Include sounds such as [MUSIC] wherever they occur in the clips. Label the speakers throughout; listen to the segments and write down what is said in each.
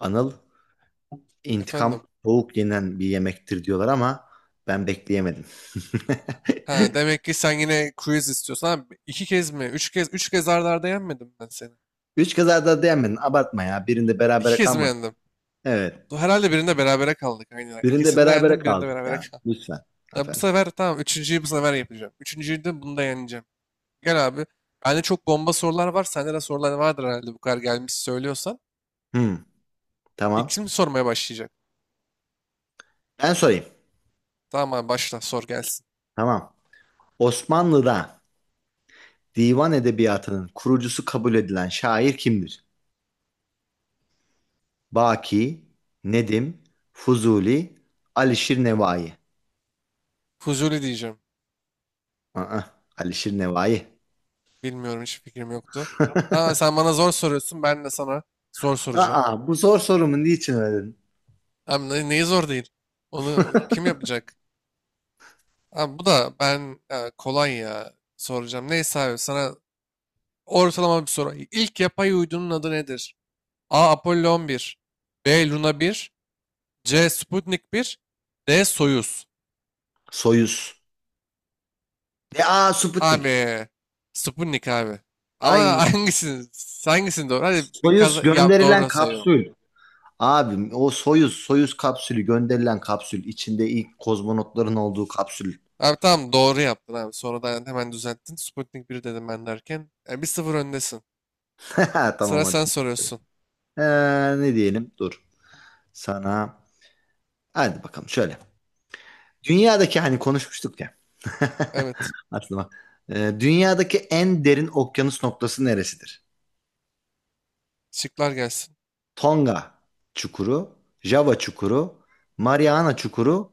Speaker 1: Anıl, intikam
Speaker 2: Efendim.
Speaker 1: soğuk yenen bir yemektir diyorlar ama ben bekleyemedim.
Speaker 2: Ha,
Speaker 1: [LAUGHS]
Speaker 2: demek ki sen yine quiz istiyorsun. Abi, iki kez mi? Üç kez, üç kez arda arda yenmedim ben seni.
Speaker 1: Üç kazada dayanmadın. Abartma ya. Birinde
Speaker 2: İki
Speaker 1: berabere
Speaker 2: kez mi
Speaker 1: kalmadık.
Speaker 2: yendim?
Speaker 1: Evet.
Speaker 2: Herhalde birinde berabere kaldık. Aynen.
Speaker 1: Birinde
Speaker 2: İkisinde
Speaker 1: berabere
Speaker 2: yendim, birinde
Speaker 1: kaldık
Speaker 2: berabere
Speaker 1: ya.
Speaker 2: kaldım. [LAUGHS]
Speaker 1: Lütfen.
Speaker 2: Ya bu
Speaker 1: Efendim.
Speaker 2: sefer tamam, üçüncüyü bu sefer yapacağım. Üçüncüyü de bunu da yeneceğim. Gel abi. Bende çok bomba sorular var. Sende de sorular vardır herhalde bu kadar gelmiş söylüyorsan.
Speaker 1: Hmm,
Speaker 2: İlk
Speaker 1: tamam.
Speaker 2: kim sormaya başlayacak?
Speaker 1: Ben sorayım.
Speaker 2: Tamam abi başla sor gelsin.
Speaker 1: Tamam. Osmanlı'da divan edebiyatının kurucusu kabul edilen şair kimdir? Baki, Nedim, Fuzuli, Alişir Nevai.
Speaker 2: Fuzuli diyeceğim.
Speaker 1: Aa, Alişir Nevai.
Speaker 2: Bilmiyorum, hiç fikrim yoktu. Ha, sen bana zor soruyorsun. Ben de sana zor soracağım.
Speaker 1: Bu zor sorumu niçin öyle
Speaker 2: Abi neyi zor değil? Onu kim yapacak? Abi bu da ben ya, kolay ya soracağım. Neyse abi sana ortalama bir soru. İlk yapay uydunun adı nedir? A. Apollo 11 B. Luna 1 C. Sputnik 1 D. Soyuz
Speaker 1: Soyuz. Ve Sputnik.
Speaker 2: Abi Sputnik abi. Ama
Speaker 1: Ay
Speaker 2: [LAUGHS] hangisini doğru? Hadi bir
Speaker 1: Soyuz
Speaker 2: kaza ya
Speaker 1: gönderilen
Speaker 2: doğru sayıyorum.
Speaker 1: kapsül. Abim o Soyuz kapsülü gönderilen kapsül içinde ilk kozmonotların olduğu kapsül.
Speaker 2: Abi tamam doğru yaptın abi. Sonradan hemen düzelttin. Sputnik 1 dedim ben derken. Yani 1-0 öndesin.
Speaker 1: [LAUGHS] Tamam
Speaker 2: Sıra sen
Speaker 1: hadi.
Speaker 2: soruyorsun.
Speaker 1: Ne diyelim? Dur. Sana hadi bakalım şöyle. Dünyadaki hani konuşmuştuk ya. [LAUGHS]
Speaker 2: Evet.
Speaker 1: Aklıma. Dünyadaki en derin okyanus noktası neresidir?
Speaker 2: Şıklar gelsin.
Speaker 1: Tonga çukuru, Java çukuru, Mariana çukuru,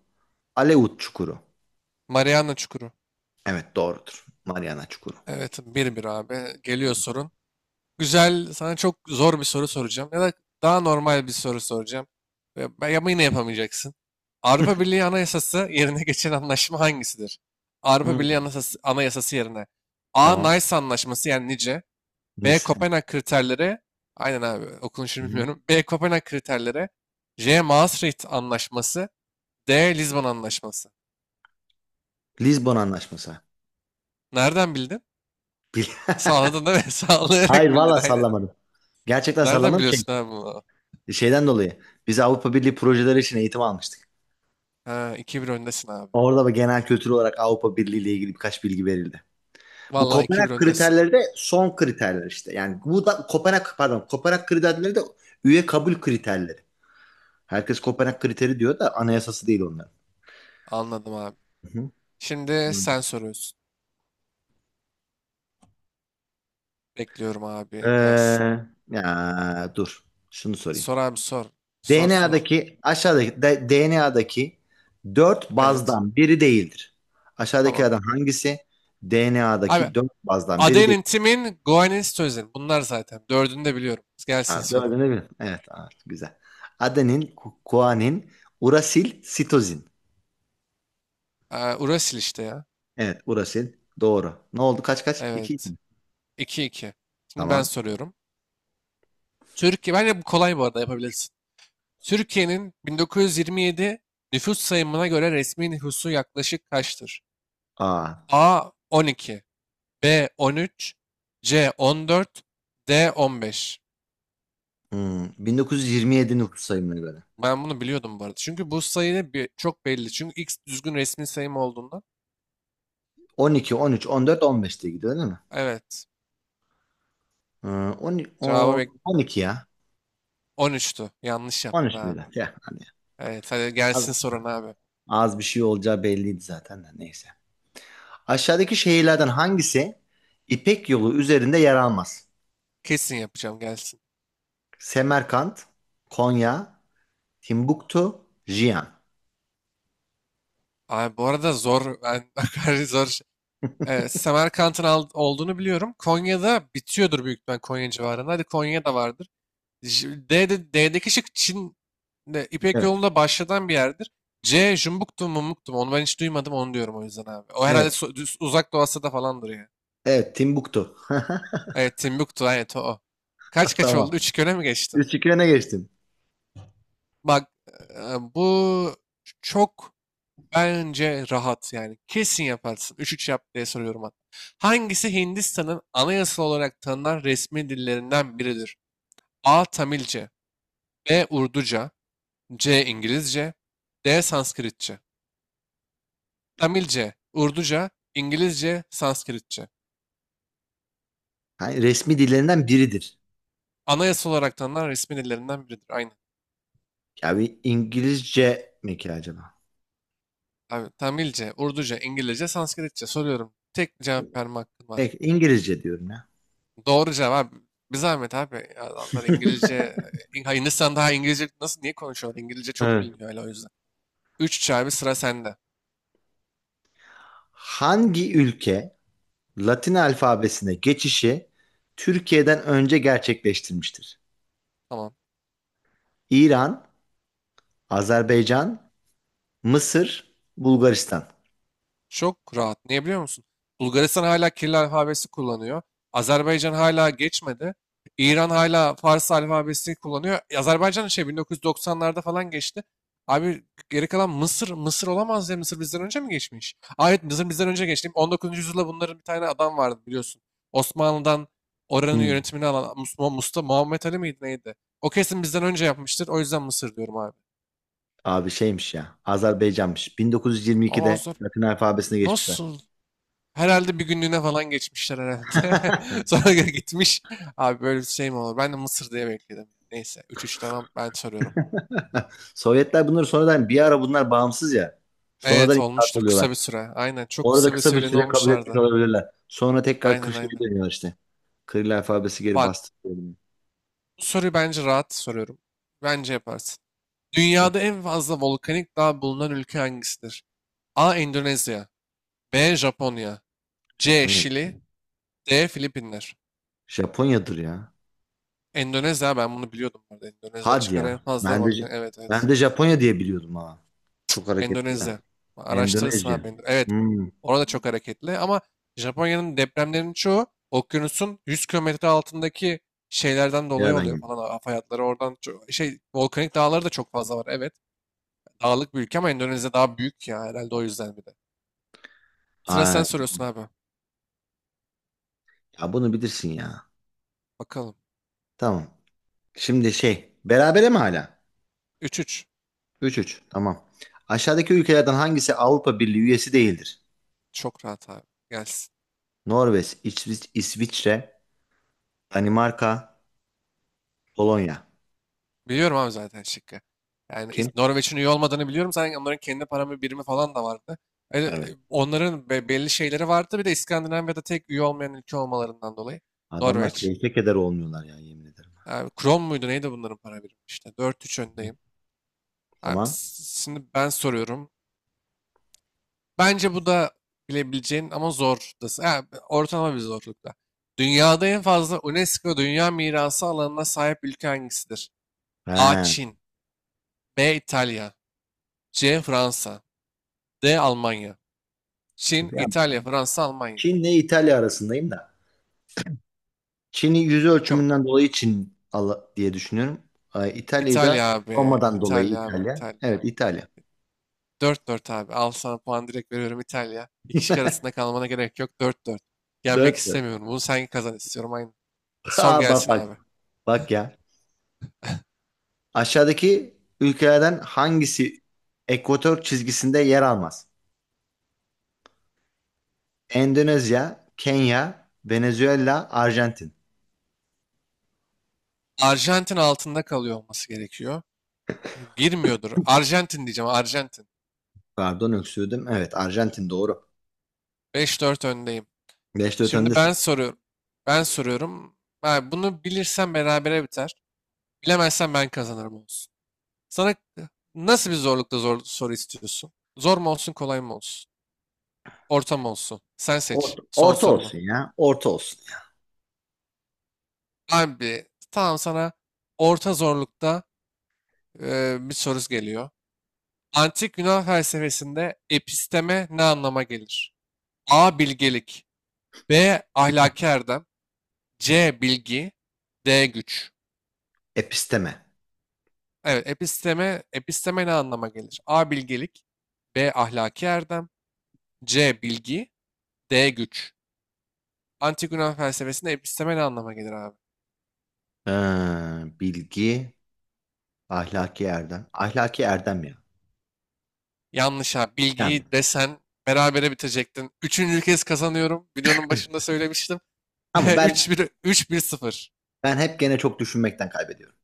Speaker 1: Aleut çukuru.
Speaker 2: Mariana Çukuru.
Speaker 1: Evet, doğrudur. Mariana çukuru.
Speaker 2: Evet, 1-1 abi. Geliyor sorun. Güzel, sana çok zor bir soru soracağım. Ya da daha normal bir soru soracağım. Ama yine yapamayacaksın. Avrupa Birliği Anayasası yerine [LAUGHS] geçen anlaşma hangisidir?
Speaker 1: Hı,
Speaker 2: Avrupa Birliği Anayasası yerine. A.
Speaker 1: tamam.
Speaker 2: Nice Anlaşması, yani nice. B.
Speaker 1: Nice.
Speaker 2: Kopenhag kriterleri. Aynen abi,
Speaker 1: Hı
Speaker 2: okunuşunu
Speaker 1: hı.
Speaker 2: bilmiyorum. B. Kopenhag kriterleri. C. Maastricht Anlaşması. D. Lizbon Anlaşması.
Speaker 1: Lizbon Anlaşması.
Speaker 2: Nereden bildin?
Speaker 1: Bil-
Speaker 2: Sağladın değil mi? [LAUGHS]
Speaker 1: [LAUGHS]
Speaker 2: Sağlayarak
Speaker 1: Hayır,
Speaker 2: bildin,
Speaker 1: valla
Speaker 2: aynen.
Speaker 1: sallamadım. Gerçekten
Speaker 2: Nereden
Speaker 1: sallamadım. Şey,
Speaker 2: biliyorsun abi bunu?
Speaker 1: şeyden dolayı. Biz Avrupa Birliği projeleri için eğitim almıştık.
Speaker 2: Ha, 2-1 öndesin abi.
Speaker 1: Orada da genel kültür olarak Avrupa Birliği ile ilgili birkaç bilgi verildi. Bu
Speaker 2: Vallahi iki
Speaker 1: Kopenhag
Speaker 2: bir öndesin.
Speaker 1: kriterleri de son kriterler işte. Yani bu da Kopenhag, pardon, Kopenhag kriterleri de üye kabul kriterleri. Herkes Kopenhag kriteri diyor da anayasası değil onların.
Speaker 2: Anladım abi.
Speaker 1: Hı hı.
Speaker 2: Şimdi
Speaker 1: Hı.
Speaker 2: sen soruyorsun. Bekliyorum
Speaker 1: Ee,
Speaker 2: abi. Gelsin.
Speaker 1: ya dur. Şunu sorayım.
Speaker 2: Sor abi sor. Sor sor.
Speaker 1: DNA'daki aşağıdaki DNA'daki dört
Speaker 2: Evet.
Speaker 1: bazdan biri değildir.
Speaker 2: Tamam.
Speaker 1: Aşağıdakilerden hangisi
Speaker 2: Abi
Speaker 1: DNA'daki dört bazdan biri değil?
Speaker 2: Aden'in timin Goen'in Stözen. Bunlar zaten. Dördünü de biliyorum. Gelsin
Speaker 1: Ha,
Speaker 2: soru.
Speaker 1: dördünü bil. Evet, ha, güzel. Adenin, kuanin, urasil, sitozin.
Speaker 2: Urasil işte ya.
Speaker 1: Evet, urasil. Doğru. Ne oldu? Kaç kaç? İki. İki
Speaker 2: Evet.
Speaker 1: mi?
Speaker 2: 2 iki. Şimdi ben
Speaker 1: Tamam.
Speaker 2: soruyorum. Türkiye. Bence bu kolay bu arada, yapabilirsin. Türkiye'nin 1927 nüfus sayımına göre resmi nüfusu yaklaşık kaçtır?
Speaker 1: Aa,
Speaker 2: A 12, B 13, C 14, D 15.
Speaker 1: hmm, 1927 nüfus sayımına göre.
Speaker 2: Ben bunu biliyordum bu arada. Çünkü bu sayı çok belli. Çünkü X düzgün resmi sayım olduğundan.
Speaker 1: 12, 13, 14, 15 diye gidiyor değil mi?
Speaker 2: Evet.
Speaker 1: 10,
Speaker 2: Cevabı
Speaker 1: 10, 12 ya.
Speaker 2: 13'tü. Yanlış yaptın
Speaker 1: 13
Speaker 2: abi.
Speaker 1: müydü? Ya, hadi.
Speaker 2: Evet hadi gelsin
Speaker 1: Ya.
Speaker 2: sorun abi.
Speaker 1: Az bir şey olacağı belliydi zaten de neyse. Aşağıdaki şehirlerden hangisi İpek Yolu üzerinde yer almaz?
Speaker 2: Kesin yapacağım, gelsin.
Speaker 1: Semerkant, Konya, Timbuktu, Jiyan.
Speaker 2: Abi bu arada zor. Ben [LAUGHS] zor. Şey Semerkant'ın olduğunu biliyorum. Konya'da bitiyordur büyük ihtimal, Konya civarında. Hadi Konya'da vardır. D'deki şık Çin de, İpek
Speaker 1: Evet,
Speaker 2: yolunda başladan bir yerdir. C Jumbuktu mu Mumuktu mu? Onu ben hiç duymadım, onu diyorum o yüzden abi. O herhalde
Speaker 1: evet,
Speaker 2: uzak Doğu Asya'da falandır ya.
Speaker 1: evet, Timbuktu. [LAUGHS]
Speaker 2: Evet Timbuktu, evet o. Kaç kaç oldu?
Speaker 1: Tamam.
Speaker 2: Üç 2 öne mi geçtim?
Speaker 1: 3-2 öne geçtim.
Speaker 2: Bak e, bu çok Bence rahat yani. Kesin yaparsın. 3-3 yap diye soruyorum hatta. Hangisi Hindistan'ın anayasal olarak tanınan resmi dillerinden biridir? A. Tamilce B. Urduca C. İngilizce D. Sanskritçe Tamilce, Urduca, İngilizce, Sanskritçe.
Speaker 1: Ha, resmi dillerinden biridir.
Speaker 2: Anayasal olarak tanınan resmi dillerinden biridir. Aynen.
Speaker 1: Ya bir İngilizce mi ki acaba?
Speaker 2: Abi, Tamilce, Urduca, İngilizce, Sanskritçe soruyorum. Tek cevap verme hakkın var.
Speaker 1: Peki, İngilizce diyorum ya.
Speaker 2: Doğru cevap. Bir zahmet abi. Adamlar
Speaker 1: [LAUGHS]
Speaker 2: İngilizce, ha, Hindistan daha İngilizce nasıl, niye konuşuyorlar? İngilizce çok
Speaker 1: Evet.
Speaker 2: biliniyor öyle, o yüzden. Üç 3 abi, sıra sende.
Speaker 1: Hangi ülke Latin alfabesine geçişi Türkiye'den önce gerçekleştirmiştir?
Speaker 2: Tamam.
Speaker 1: İran, Azerbaycan, Mısır, Bulgaristan.
Speaker 2: Çok rahat. Niye biliyor musun? Bulgaristan hala Kiril alfabesi kullanıyor. Azerbaycan hala geçmedi. İran hala Fars alfabesini kullanıyor. Azerbaycan şey 1990'larda falan geçti. Abi geri kalan Mısır, Mısır olamaz ya. Mısır bizden önce mi geçmiş? Aa, evet Mısır bizden önce geçti. 19. yüzyılda bunların bir tane adam vardı biliyorsun. Osmanlı'dan oranın
Speaker 1: Hmm.
Speaker 2: yönetimini alan Mustafa Muhammed Ali miydi neydi? O kesin bizden önce yapmıştır. O yüzden Mısır diyorum abi.
Speaker 1: Abi şeymiş ya. Azerbaycanmış.
Speaker 2: Ama o
Speaker 1: 1922'de
Speaker 2: zor.
Speaker 1: Latin alfabesine geçmişler.
Speaker 2: Nasıl? Herhalde bir günlüğüne falan geçmişler herhalde. [LAUGHS]
Speaker 1: [LAUGHS]
Speaker 2: Sonra gitmiş. Abi böyle bir şey mi olur? Ben de Mısır diye bekledim. Neyse 3-3, tamam ben soruyorum.
Speaker 1: Sovyetler bunları sonradan bir ara bunlar bağımsız ya. Sonradan
Speaker 2: Evet
Speaker 1: inkılap
Speaker 2: olmuştur
Speaker 1: oluyorlar.
Speaker 2: kısa bir süre. Aynen, çok
Speaker 1: Orada
Speaker 2: kısa bir
Speaker 1: kısa bir
Speaker 2: süreyle ne
Speaker 1: süre kabul etmiş
Speaker 2: olmuşlardı.
Speaker 1: olabilirler. Sonra tekrar
Speaker 2: Aynen
Speaker 1: Kırşehir'e
Speaker 2: aynen.
Speaker 1: dönüyorlar işte. Kiril alfabesi geri
Speaker 2: Bak
Speaker 1: bastı.
Speaker 2: bu soruyu bence rahat soruyorum. Bence yaparsın.
Speaker 1: Hı,
Speaker 2: Dünyada en fazla volkanik dağ bulunan ülke hangisidir? A. Endonezya B. Japonya C.
Speaker 1: Japonya.
Speaker 2: Şili D. Filipinler.
Speaker 1: Japonya'dır ya.
Speaker 2: Endonezya, ben bunu biliyordum burada. Endonezya
Speaker 1: Hadi
Speaker 2: çıkar en
Speaker 1: ya.
Speaker 2: fazla
Speaker 1: Ben de,
Speaker 2: volkan. Evet evet.
Speaker 1: ben de Japonya diye biliyordum, ha. Çok hareketli ya.
Speaker 2: Endonezya. Araştırırsın
Speaker 1: Endonezya.
Speaker 2: abi. Evet.
Speaker 1: Hmm.
Speaker 2: Orada çok hareketli ama Japonya'nın depremlerinin çoğu okyanusun 100 kilometre altındaki şeylerden dolayı
Speaker 1: Nereden
Speaker 2: oluyor
Speaker 1: geldi?
Speaker 2: falan. Hava hayatları oradan çok, şey volkanik dağları da çok fazla var. Evet. Dağlık bir ülke ama Endonezya daha büyük ya herhalde, o yüzden bir de. Sıra sen soruyorsun abi.
Speaker 1: Ya bunu bilirsin ya.
Speaker 2: Bakalım.
Speaker 1: Tamam. Şimdi şey, berabere mi hala?
Speaker 2: 3-3.
Speaker 1: 3-3. Tamam. Aşağıdaki ülkelerden hangisi Avrupa Birliği üyesi değildir?
Speaker 2: Çok rahat abi. Gelsin.
Speaker 1: Norveç, İsviçre, Danimarka, Polonya.
Speaker 2: Biliyorum abi zaten şıkkı. Yani
Speaker 1: Kim?
Speaker 2: Norveç'in üye olmadığını biliyorum. Zaten onların kendi para birimi falan da vardı. E, e,
Speaker 1: Evet.
Speaker 2: onların belli şeyleri vardı. Bir de İskandinavya'da tek üye olmayan ülke olmalarından dolayı.
Speaker 1: Adamlar
Speaker 2: Norveç.
Speaker 1: keyfe keder olmuyorlar ya, yemin ederim.
Speaker 2: Yani Kron muydu neydi bunların para birimi işte. 4-3 öndeyim. Abi,
Speaker 1: Tamam.
Speaker 2: şimdi ben soruyorum. Bence bu da bilebileceğin ama zor. Ha, ortalama bir zorlukta. Dünyada en fazla UNESCO Dünya Mirası alanına sahip ülke hangisidir? A.
Speaker 1: He.
Speaker 2: Çin B. İtalya C. Fransa D. Almanya Çin,
Speaker 1: Ya,
Speaker 2: İtalya, Fransa, Almanya.
Speaker 1: Çin'le İtalya arasındayım da. Çin'i yüz
Speaker 2: Bakalım.
Speaker 1: ölçümünden dolayı diye düşünüyorum. Ay, İtalya'yı da
Speaker 2: İtalya abi.
Speaker 1: Roma'dan dolayı
Speaker 2: İtalya abi.
Speaker 1: İtalya.
Speaker 2: İtalya.
Speaker 1: Evet, İtalya.
Speaker 2: 4-4 abi. Al sana puan direkt veriyorum, İtalya. İki şık arasında kalmana gerek yok. Dört. 4 Yenmek
Speaker 1: Dört. [LAUGHS]
Speaker 2: istemiyorum. Bunu sen kazan istiyorum. Aynı. Sor
Speaker 1: Bak
Speaker 2: gelsin
Speaker 1: bak.
Speaker 2: abi.
Speaker 1: Bak ya. Aşağıdaki ülkelerden hangisi ekvator çizgisinde yer almaz? Endonezya, Kenya, Venezuela, Arjantin.
Speaker 2: Arjantin altında kalıyor olması gerekiyor. Girmiyordur. Arjantin diyeceğim. Arjantin.
Speaker 1: Pardon, öksürdüm. Evet, Arjantin doğru.
Speaker 2: 5-4 öndeyim.
Speaker 1: Beşte
Speaker 2: Şimdi
Speaker 1: ötendesin.
Speaker 2: ben soruyorum. Ben soruyorum. Ha, bunu bilirsen berabere biter. Bilemezsen ben kazanırım, olsun. Sana nasıl bir zorlukta zor soru istiyorsun? Zor mu olsun, kolay mı olsun? Orta mı olsun? Sen seç
Speaker 1: Orta,
Speaker 2: son
Speaker 1: orta
Speaker 2: sorunu.
Speaker 1: olsun ya. Orta olsun. Ya.
Speaker 2: Abi tamam, sana orta zorlukta bir soru geliyor. Antik Yunan felsefesinde episteme ne anlama gelir? A. Bilgelik B. Ahlaki erdem C. Bilgi D. Güç
Speaker 1: Episteme.
Speaker 2: Evet episteme ne anlama gelir? A. Bilgelik B. Ahlaki erdem C. Bilgi D. Güç Antik Yunan felsefesinde episteme ne anlama gelir abi?
Speaker 1: Ee, bilgi, ahlaki erdem. Ahlaki erdem ya.
Speaker 2: Yanlış abi.
Speaker 1: Yani.
Speaker 2: Bilgiyi desen berabere bitirecektin. Üçüncü kez kazanıyorum. Videonun başında söylemiştim.
Speaker 1: Ama
Speaker 2: [LAUGHS] Üç
Speaker 1: ben
Speaker 2: bir üç bir sıfır.
Speaker 1: ben hep gene çok düşünmekten kaybediyorum.